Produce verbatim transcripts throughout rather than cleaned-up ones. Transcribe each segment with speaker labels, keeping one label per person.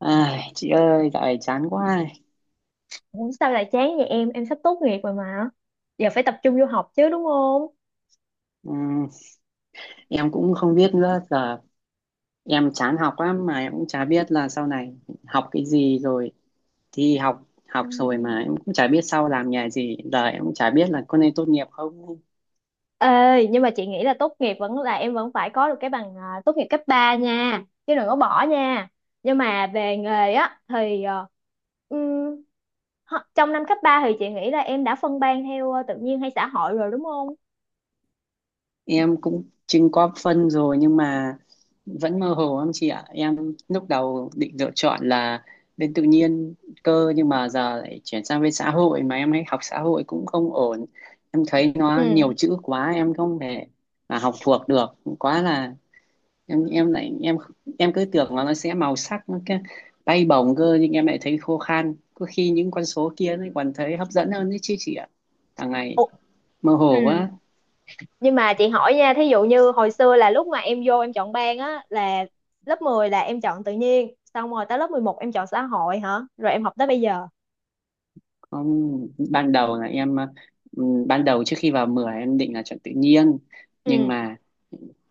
Speaker 1: Ai, chị ơi, dạo này chán quá.
Speaker 2: Ủa, sao lại chán vậy em? Em sắp tốt nghiệp rồi mà. Giờ phải tập trung vô học chứ đúng không?
Speaker 1: Ừm, em cũng không biết nữa. Giờ em chán học lắm mà em cũng chả biết là sau này học cái gì, rồi thi học học
Speaker 2: Ừ.
Speaker 1: rồi mà em cũng chả biết sau làm nghề gì. Giờ em cũng chả biết là có nên tốt nghiệp không.
Speaker 2: Ê, nhưng mà chị nghĩ là tốt nghiệp vẫn là em vẫn phải có được cái bằng à, tốt nghiệp cấp ba nha. Chứ đừng có bỏ nha. Nhưng mà về nghề á thì ờ, ừm, ho- trong năm cấp ba thì chị nghĩ là em đã phân ban theo ờ, tự nhiên hay xã hội rồi đúng không?
Speaker 1: Em cũng chưng có phân rồi nhưng mà vẫn mơ hồ lắm chị ạ. Em lúc đầu định lựa chọn là bên tự nhiên cơ, nhưng mà giờ lại chuyển sang bên xã hội, mà em ấy học xã hội cũng không ổn. Em thấy nó nhiều
Speaker 2: Ừ.
Speaker 1: chữ quá, em không thể mà học thuộc được. Quá là em em lại em em cứ tưởng là nó sẽ màu sắc, nó cái bay bổng cơ, nhưng em lại thấy khô khan, có khi những con số kia nó còn thấy hấp dẫn hơn đấy chứ chị ạ. Hàng ngày
Speaker 2: Ủa.
Speaker 1: mơ
Speaker 2: Ừ.
Speaker 1: hồ quá.
Speaker 2: Nhưng mà chị hỏi nha, thí dụ như hồi xưa là lúc mà em vô em chọn ban á là lớp mười là em chọn tự nhiên xong rồi tới lớp mười một em chọn xã hội hả rồi em học tới bây giờ.
Speaker 1: Không, ban đầu là em ờ, ừ, ban đầu trước khi vào mười, em định là chọn tự nhiên, nhưng
Speaker 2: Ừ.
Speaker 1: mà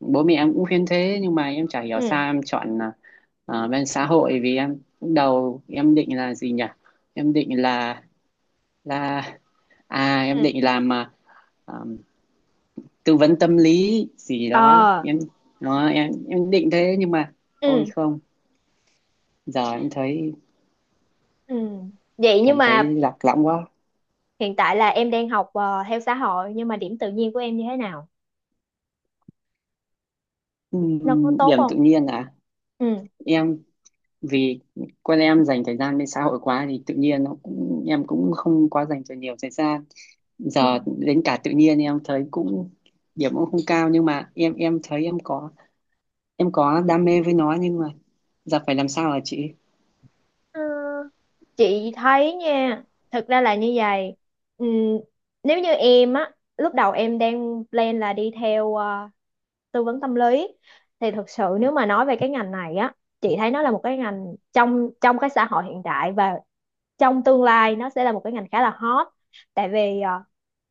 Speaker 1: bố mẹ em cũng khuyên thế, nhưng mà em chả hiểu
Speaker 2: Ừ.
Speaker 1: sao em chọn ờ, ờ, bên xã hội. Vì em lúc đầu em định là gì nhỉ, em định là là, à em
Speaker 2: Ừ.
Speaker 1: định làm ờ, ờm, tư vấn tâm lý gì đó.
Speaker 2: Ờ.
Speaker 1: Em nó em em định thế, nhưng mà, ôi
Speaker 2: Ừ.
Speaker 1: không, giờ em thấy
Speaker 2: Ừ. Vậy nhưng
Speaker 1: cảm
Speaker 2: mà
Speaker 1: thấy lạc lõng quá.
Speaker 2: hiện tại là em đang học ờ, theo xã hội nhưng mà điểm tự nhiên của em như thế nào, nó có
Speaker 1: Ừm,
Speaker 2: tốt
Speaker 1: điểm tự
Speaker 2: không?
Speaker 1: nhiên à?
Speaker 2: Ừ.
Speaker 1: Em, vì con em dành thời gian lên xã hội quá thì tự nhiên nó cũng, em cũng không quá dành cho nhiều thời gian.
Speaker 2: Ừ.
Speaker 1: Giờ đến cả tự nhiên em thấy cũng, điểm cũng không cao, nhưng mà em em thấy em có em có đam mê với nó, nhưng mà giờ phải làm sao hả chị?
Speaker 2: Ờ, chị thấy nha, thực ra là như vậy. ừ, Nếu như em á, lúc đầu em đang plan là đi theo ờ, tư vấn tâm lý thì thực sự nếu mà nói về cái ngành này á, chị thấy nó là một cái ngành trong trong cái xã hội hiện đại, và trong tương lai nó sẽ là một cái ngành khá là hot. Tại vì ờ,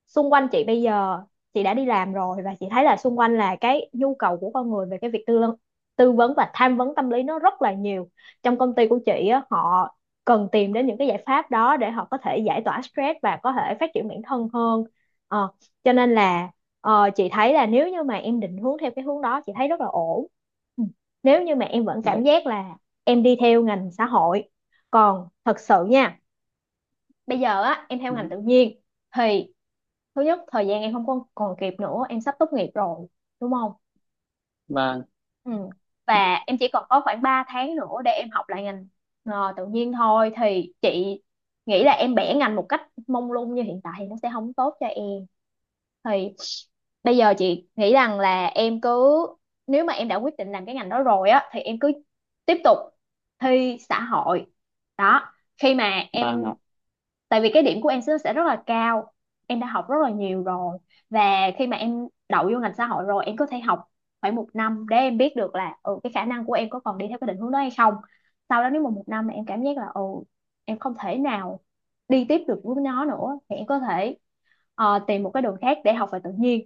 Speaker 2: xung quanh chị bây giờ chị đã đi làm rồi và chị thấy là xung quanh là cái nhu cầu của con người về cái việc tư vấn, tư vấn và tham vấn tâm lý nó rất là nhiều. Trong công ty của chị á, họ cần tìm đến những cái giải pháp đó để họ có thể giải tỏa stress và có thể phát triển bản thân hơn. Ờ, cho nên là ờ, chị thấy là nếu như mà em định hướng theo cái hướng đó chị thấy rất là ổn. Ừ. Nếu như mà em vẫn cảm
Speaker 1: Vậy.
Speaker 2: giác là em đi theo ngành xã hội, còn thật sự nha, bây giờ á em theo ngành
Speaker 1: Vâng.
Speaker 2: tự nhiên thì thứ nhất thời gian em không còn còn kịp nữa, em sắp tốt nghiệp rồi đúng không?
Speaker 1: Vâng.
Speaker 2: Ừ. Và em chỉ còn có khoảng ba tháng nữa để em học lại ngành ờ, tự nhiên thôi, thì chị nghĩ là em bẻ ngành một cách mông lung như hiện tại thì nó sẽ không tốt cho em. Thì bây giờ chị nghĩ rằng là em cứ, nếu mà em đã quyết định làm cái ngành đó rồi á thì em cứ tiếp tục thi xã hội đó. Khi mà
Speaker 1: Vâng ạ.
Speaker 2: em, tại vì cái điểm của em sẽ sẽ rất là cao, em đã học rất là nhiều rồi. Và khi mà em đậu vô ngành xã hội rồi em có thể học khoảng một năm để em biết được là ừ, cái khả năng của em có còn đi theo cái định hướng đó hay không. Sau đó nếu mà một năm mà em cảm giác là ừ, em không thể nào đi tiếp được với nó nữa thì em có thể ờ, tìm một cái đường khác để học về tự nhiên.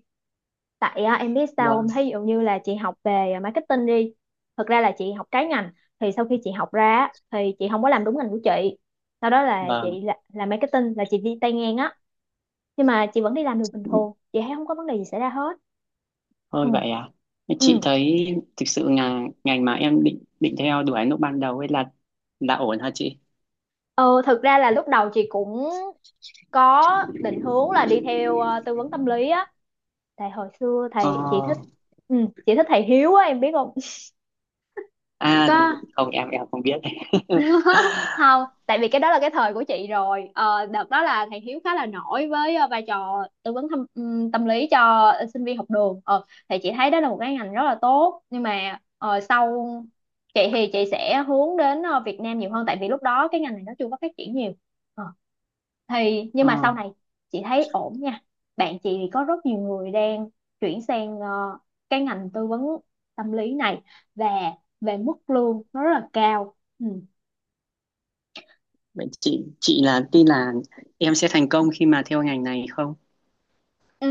Speaker 2: Tại à, em biết sao không,
Speaker 1: Vâng.
Speaker 2: thí dụ như là chị học về à, marketing đi, thực ra là chị học trái ngành, thì sau khi chị học ra á, thì chị không có làm đúng ngành của chị. Sau đó là chị
Speaker 1: Vâng.
Speaker 2: là, làm marketing là chị đi tay ngang á, nhưng mà chị vẫn đi làm được bình thường, chị thấy không có vấn đề gì xảy ra hết. Ừ.
Speaker 1: Thôi vậy à? Chị
Speaker 2: Ừ.
Speaker 1: thấy, thực sự là ngành mà em định định theo đuổi lúc ban đầu ấy là là ổn hả chị?
Speaker 2: ờ, Thực ra là lúc đầu chị cũng có định hướng là đi theo à, tư vấn tâm lý á. Tại hồi xưa
Speaker 1: Ờ,
Speaker 2: thầy chị thích, ừ, chị thích thầy Hiếu á, em biết không?
Speaker 1: à,
Speaker 2: Có.
Speaker 1: không, em em không biết.
Speaker 2: Không, tại vì cái đó là cái thời của chị rồi, ờ, đợt đó là thầy Hiếu khá là nổi với ờ, vai trò tư vấn thăm, ừm, tâm lý cho sinh viên học đường. ờ, thì chị thấy đó là một cái ngành rất là tốt, nhưng mà ờ, sau chị thì chị sẽ hướng đến ờ, Việt Nam nhiều hơn, tại vì lúc đó cái ngành này nó chưa có phát triển nhiều. Ờ, thì nhưng
Speaker 1: Ờ,
Speaker 2: mà sau này chị thấy ổn nha. Bạn chị thì có rất nhiều người đang chuyển sang ờ, cái ngành tư vấn tâm lý này, và về mức lương nó rất là cao. Ừ.
Speaker 1: vậy chị chị là tin là em sẽ thành công khi mà theo ngành này không?
Speaker 2: Ừ,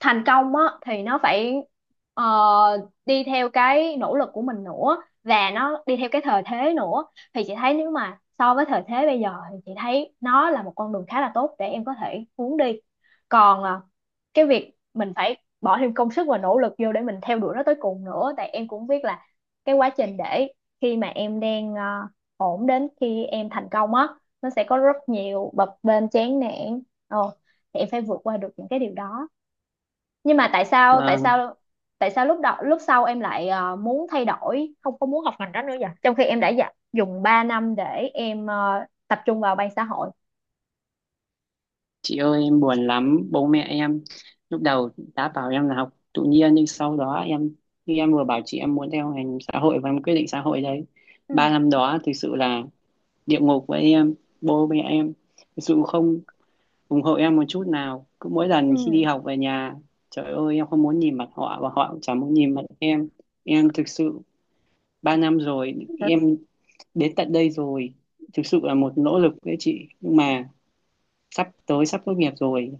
Speaker 2: thành công á thì nó phải ờ, đi theo cái nỗ lực của mình nữa, và nó đi theo cái thời thế nữa. Thì chị thấy nếu mà so với thời thế bây giờ thì chị thấy nó là một con đường khá là tốt để em có thể hướng đi. Còn à, cái việc mình phải bỏ thêm công sức và nỗ lực vô để mình theo đuổi nó tới cùng nữa, tại em cũng biết là cái quá trình để khi mà em đang à, ổn đến khi em thành công á, nó sẽ có rất nhiều bập bênh chán nản. Ờ, thì em phải vượt qua được những cái điều đó. Nhưng mà tại sao tại
Speaker 1: Vâng,
Speaker 2: sao tại sao lúc đó lúc sau em lại ờ, muốn thay đổi không có muốn học ngành đó nữa vậy, trong khi em đã dạ, dùng ba năm để em ờ, tập trung vào ban xã hội.
Speaker 1: chị ơi em buồn lắm, bố mẹ em lúc đầu đã bảo em là học tự nhiên, nhưng sau đó em khi em vừa bảo chị em muốn theo ngành xã hội và em quyết định xã hội đấy.
Speaker 2: Ừ.
Speaker 1: Ba năm đó thực sự là địa ngục với em, bố mẹ em thực sự không ủng hộ em một chút nào. Cứ mỗi lần khi đi
Speaker 2: Ừ.
Speaker 1: học về nhà, trời ơi, em không muốn nhìn mặt họ và họ cũng chẳng muốn nhìn mặt em. Em thực sự, ba năm rồi
Speaker 2: Ừ.
Speaker 1: em, đến tận đây rồi thực sự là một nỗ lực đấy chị, nhưng mà sắp tới sắp tốt nghiệp rồi.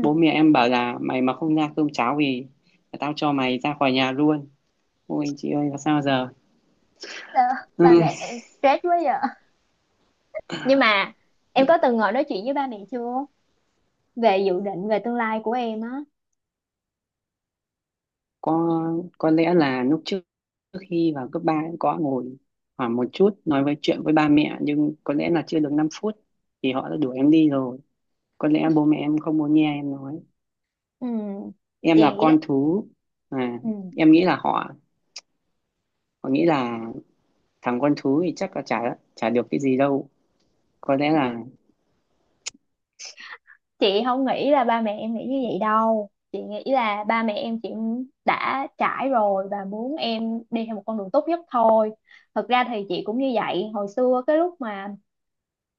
Speaker 1: Bố mẹ em bảo là mày mà không ra cơm cháo thì tao cho mày ra khỏi nhà luôn. Ôi chị ơi là sao giờ?
Speaker 2: Sao ba mẹ em stress quá vậy? Nhưng mà em
Speaker 1: Ừ.
Speaker 2: có từng ngồi nói chuyện với ba mẹ chưa về dự định về tương lai của em á?
Speaker 1: có có lẽ là lúc trước, trước khi vào cấp ba, em có ngồi khoảng một chút nói với chuyện với ba mẹ, nhưng có lẽ là chưa được năm phút thì họ đã đuổi em đi rồi. Có lẽ bố mẹ em không muốn nghe em nói.
Speaker 2: Ừ.
Speaker 1: Em
Speaker 2: Chị
Speaker 1: là
Speaker 2: nghĩ là
Speaker 1: con thú. À,
Speaker 2: ừ
Speaker 1: em nghĩ là họ họ nghĩ là thằng con thú thì chắc là chả chả được cái gì đâu. Có lẽ là
Speaker 2: chị không nghĩ là ba mẹ em nghĩ như vậy đâu, chị nghĩ là ba mẹ em, chị đã trải rồi và muốn em đi theo một con đường tốt nhất thôi. Thật ra thì chị cũng như vậy hồi xưa, cái lúc mà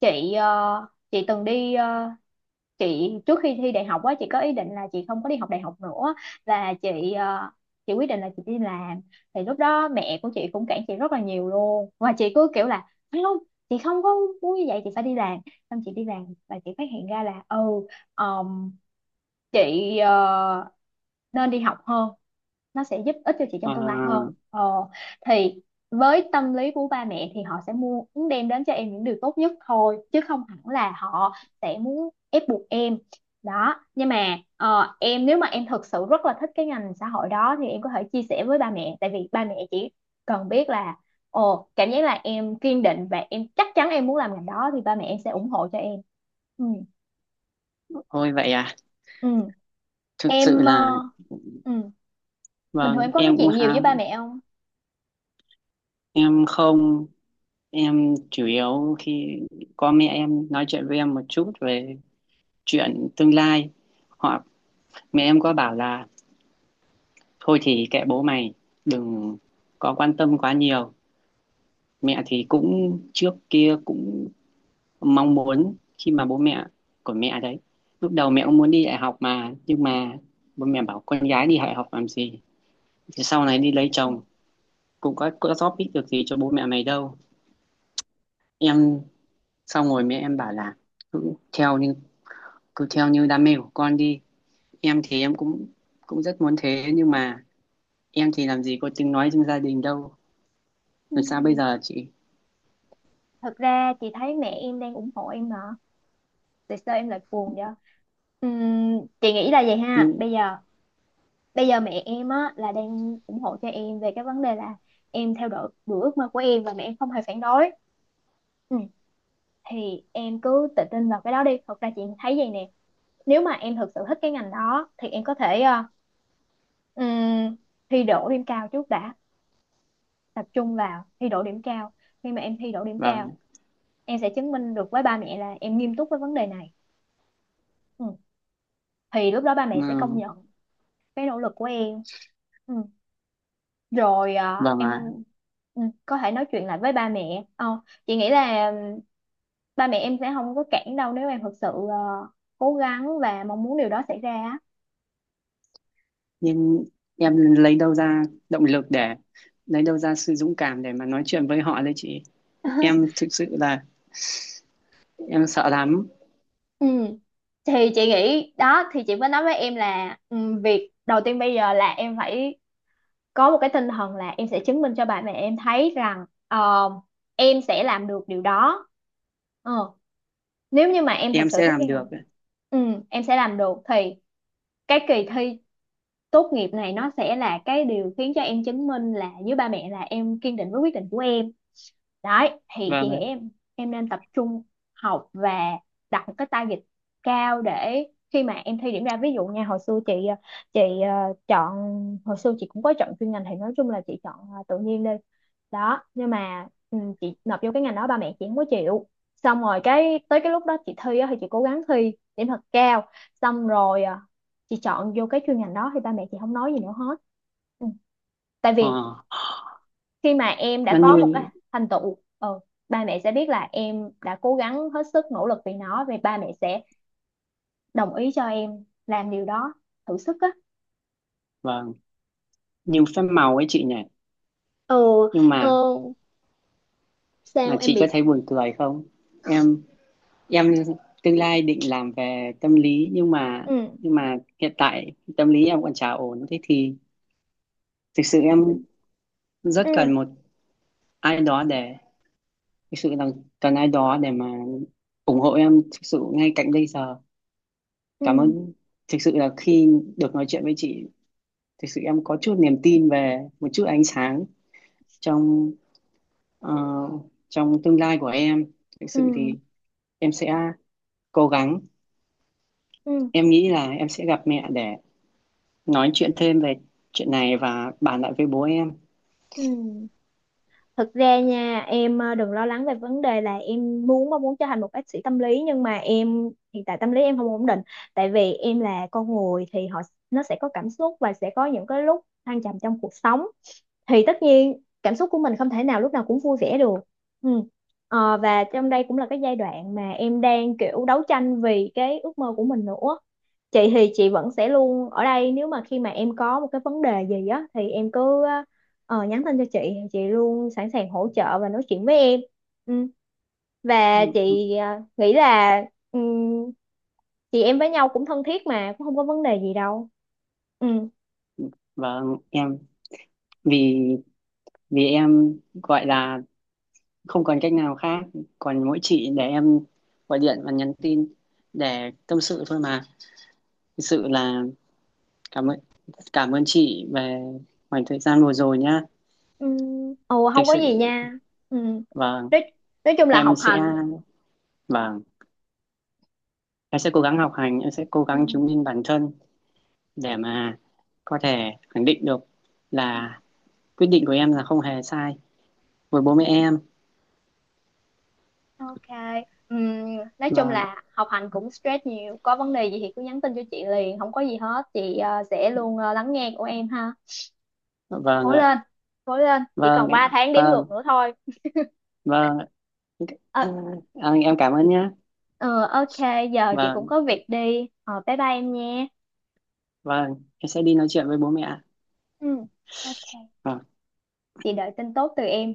Speaker 2: chị ờ, chị từng đi ờ, chị trước khi thi đại học á, chị có ý định là chị không có đi học đại học nữa, là chị ờ, chị quyết định là chị đi làm. Thì lúc đó mẹ của chị cũng cản chị rất là nhiều luôn, và chị cứ kiểu là không, chị không có muốn như vậy, chị phải đi làm. Xong chị đi làm và chị phát hiện ra là ừ, chị ờ, nên đi học hơn, nó sẽ giúp ích cho chị
Speaker 1: ờ,
Speaker 2: trong tương lai hơn. ờ, thì với tâm lý của ba mẹ thì họ sẽ muốn đem đến cho em những điều tốt nhất thôi, chứ không hẳn là họ sẽ muốn ép buộc em đó. Nhưng mà ờ, em, nếu mà em thực sự rất là thích cái ngành xã hội đó thì em có thể chia sẻ với ba mẹ, tại vì ba mẹ chỉ cần biết là, ồ cảm giác là em kiên định và em chắc chắn em muốn làm ngành đó thì ba mẹ em sẽ ủng hộ cho em. Ừ.
Speaker 1: thôi vậy à.
Speaker 2: Ừ.
Speaker 1: Thực sự
Speaker 2: em ờ,
Speaker 1: là
Speaker 2: ừ bình thường
Speaker 1: vâng,
Speaker 2: em có nói
Speaker 1: em cũng
Speaker 2: chuyện nhiều với
Speaker 1: ha.
Speaker 2: ba mẹ không?
Speaker 1: Em không, em chủ yếu khi có mẹ em nói chuyện với em một chút về chuyện tương lai, hoặc mẹ em có bảo là thôi thì kệ bố mày, đừng có quan tâm quá nhiều. Mẹ thì cũng trước kia cũng mong muốn khi mà bố mẹ của mẹ đấy, lúc đầu mẹ cũng muốn đi đại học mà, nhưng mà bố mẹ bảo con gái đi đại học làm gì, thì sau này đi lấy
Speaker 2: Ừ.
Speaker 1: chồng cũng có có giúp ích được gì cho bố mẹ mày đâu. Em, xong rồi mẹ em bảo là cứ theo như cứ theo như đam mê của con đi. Em thì em cũng cũng rất muốn thế, nhưng mà em thì làm gì có tiếng nói trong gia đình đâu.
Speaker 2: Ừ.
Speaker 1: Làm sao bây giờ chị?
Speaker 2: Thật ra chị thấy mẹ em đang ủng hộ em mà. Tại sao em lại buồn vậy? Ừm, chị nghĩ là vậy ha.
Speaker 1: Nhưng.
Speaker 2: Bây giờ bây giờ mẹ em á là đang ủng hộ cho em về cái vấn đề là em theo đuổi, đuổi ước mơ của em và mẹ em không hề phản đối. Ừ. Thì em cứ tự tin vào cái đó đi, thật ra chị thấy vậy nè. Nếu mà em thực sự thích cái ngành đó thì em có thể ờ, ừm, thi đỗ điểm cao trước đã. Tập trung vào thi đỗ điểm cao. Khi mà em thi đỗ điểm cao
Speaker 1: Vâng.
Speaker 2: em sẽ chứng minh được với ba mẹ là em nghiêm túc với vấn đề này. Ừ. Thì lúc đó ba mẹ sẽ công
Speaker 1: Ừ,
Speaker 2: nhận cái nỗ lực của em. Ừ. Rồi à,
Speaker 1: vâng ạ.
Speaker 2: em ừ, có thể nói chuyện lại với ba mẹ. Ờ, chị nghĩ là ừm, ba mẹ em sẽ không có cản đâu nếu em thực sự ờ, cố gắng và mong muốn điều đó xảy ra á.
Speaker 1: Nhưng em lấy đâu ra động lực để, lấy đâu ra sự dũng cảm để mà nói chuyện với họ đấy chị? Em thực sự là em sợ lắm.
Speaker 2: Ừ. Thì chị nghĩ đó, thì chị mới nói với em là ừ, việc đầu tiên bây giờ là em phải có một cái tinh thần là em sẽ chứng minh cho bà mẹ em thấy rằng ờ, em sẽ làm được điều đó. ờ, Nếu như mà em thật
Speaker 1: Em
Speaker 2: sự
Speaker 1: sẽ
Speaker 2: thích
Speaker 1: làm
Speaker 2: cái
Speaker 1: được.
Speaker 2: ngành, ừ, em sẽ làm được thì cái kỳ thi tốt nghiệp này nó sẽ là cái điều khiến cho em chứng minh là với ba mẹ là em kiên định với quyết định của em. Đấy thì chị
Speaker 1: Vâng
Speaker 2: nghĩ
Speaker 1: ạ.
Speaker 2: em em nên tập trung học, và đặt một cái target cao để khi mà em thi điểm ra, ví dụ nha, hồi xưa chị ờ, chị ờ, chọn, hồi xưa chị cũng có chọn chuyên ngành thì nói chung là chị chọn ờ, tự nhiên đi. Đó nhưng mà ừ, chị nộp vô cái ngành đó ba mẹ chị không có chịu, xong rồi cái tới cái lúc đó chị thi á, thì chị cố gắng thi điểm thật cao. Xong rồi ờ, chị chọn vô cái chuyên ngành đó thì ba mẹ chị không nói gì nữa hết. Ừ. Tại vì
Speaker 1: ờ,
Speaker 2: khi mà em đã
Speaker 1: nó
Speaker 2: có một cái
Speaker 1: như,
Speaker 2: thành tựu, ờ, ba mẹ sẽ biết là em đã cố gắng hết sức nỗ lực vì nó, vì ba mẹ sẽ đồng ý cho em làm điều đó, thử sức á.
Speaker 1: vâng, như phép màu ấy chị nhỉ.
Speaker 2: Ờ.
Speaker 1: Nhưng
Speaker 2: Ờ.
Speaker 1: mà mà
Speaker 2: Sao em
Speaker 1: chị
Speaker 2: bị
Speaker 1: có thấy
Speaker 2: sao?
Speaker 1: buồn cười không? Em em, tương lai định làm về tâm lý, nhưng mà
Speaker 2: Ừ.
Speaker 1: nhưng mà hiện tại tâm lý em còn chả ổn. Thế thì thực sự em
Speaker 2: Ừ.
Speaker 1: rất cần một ai đó để, thực sự là cần ai đó để mà ủng hộ em, thực sự ngay cạnh bây giờ.
Speaker 2: Ừ.
Speaker 1: Cảm ơn. Thực sự là khi được nói chuyện với chị, thực sự em có chút niềm tin về một chút ánh sáng trong ờ, trong tương lai của em. Thực
Speaker 2: Ừ.
Speaker 1: sự
Speaker 2: Ừ.
Speaker 1: thì em sẽ cố gắng.
Speaker 2: Ừ.
Speaker 1: Em nghĩ là em sẽ gặp mẹ để nói chuyện thêm về chuyện này và bàn lại với bố em.
Speaker 2: Ừ. Thực ra nha em, ờ, đừng lo lắng về vấn đề là em muốn mong muốn trở thành một bác sĩ tâm lý nhưng mà em hiện tại tâm lý em không ổn định. Tại vì em là con người thì họ, nó sẽ có cảm xúc và sẽ có những cái lúc thăng trầm trong cuộc sống, thì tất nhiên cảm xúc của mình không thể nào lúc nào cũng vui vẻ được. Ừ. Ờ, và trong đây cũng là cái giai đoạn mà em đang kiểu đấu tranh vì cái ước mơ của mình nữa. Chị thì chị vẫn sẽ luôn ở đây, nếu mà khi mà em có một cái vấn đề gì á thì em cứ ờ, nhắn tin cho chị, thì chị luôn sẵn sàng hỗ trợ và nói chuyện với em. Ừ. Và chị ờ, nghĩ là ừm, chị em với nhau cũng thân thiết mà cũng không có vấn đề gì đâu. Ừ.
Speaker 1: Và em, vì vì em gọi là không còn cách nào khác, còn mỗi chị để em gọi điện và nhắn tin để tâm sự thôi mà. Thực sự là cảm ơn cảm ơn chị về khoảng thời gian vừa rồi nhá.
Speaker 2: Ừ. Ồ
Speaker 1: Thực
Speaker 2: không có gì
Speaker 1: sự
Speaker 2: nha. Ừ.
Speaker 1: và
Speaker 2: Nói, nói chung là
Speaker 1: em
Speaker 2: học
Speaker 1: sẽ
Speaker 2: hành.
Speaker 1: và em sẽ cố gắng học hành, em sẽ cố
Speaker 2: Ừ.
Speaker 1: gắng chứng minh bản thân để mà có thể khẳng định được là quyết định của em là không hề sai với bố mẹ em.
Speaker 2: Ok. Ừ. Nói chung
Speaker 1: Vâng,
Speaker 2: là học hành cũng stress nhiều. Có vấn đề gì thì cứ nhắn tin cho chị liền. Không có gì hết. Chị ờ, sẽ luôn ờ, lắng nghe của em ha.
Speaker 1: vâng
Speaker 2: Cố
Speaker 1: ạ.
Speaker 2: lên. Cố lên. Chỉ
Speaker 1: Vâng,
Speaker 2: còn
Speaker 1: em.
Speaker 2: ba tháng đếm ngược
Speaker 1: Vâng.
Speaker 2: nữa thôi.
Speaker 1: Vâng.
Speaker 2: Ờ,
Speaker 1: À, em cảm ơn nhá.
Speaker 2: ờ, ok. Giờ chị cũng
Speaker 1: Vâng.
Speaker 2: có việc đi. Ờ, Bye bye em nha.
Speaker 1: Vâng, em sẽ đi nói chuyện với bố mẹ.
Speaker 2: Ừ. Ok.
Speaker 1: Vâng.
Speaker 2: Chị đợi tin tốt từ em.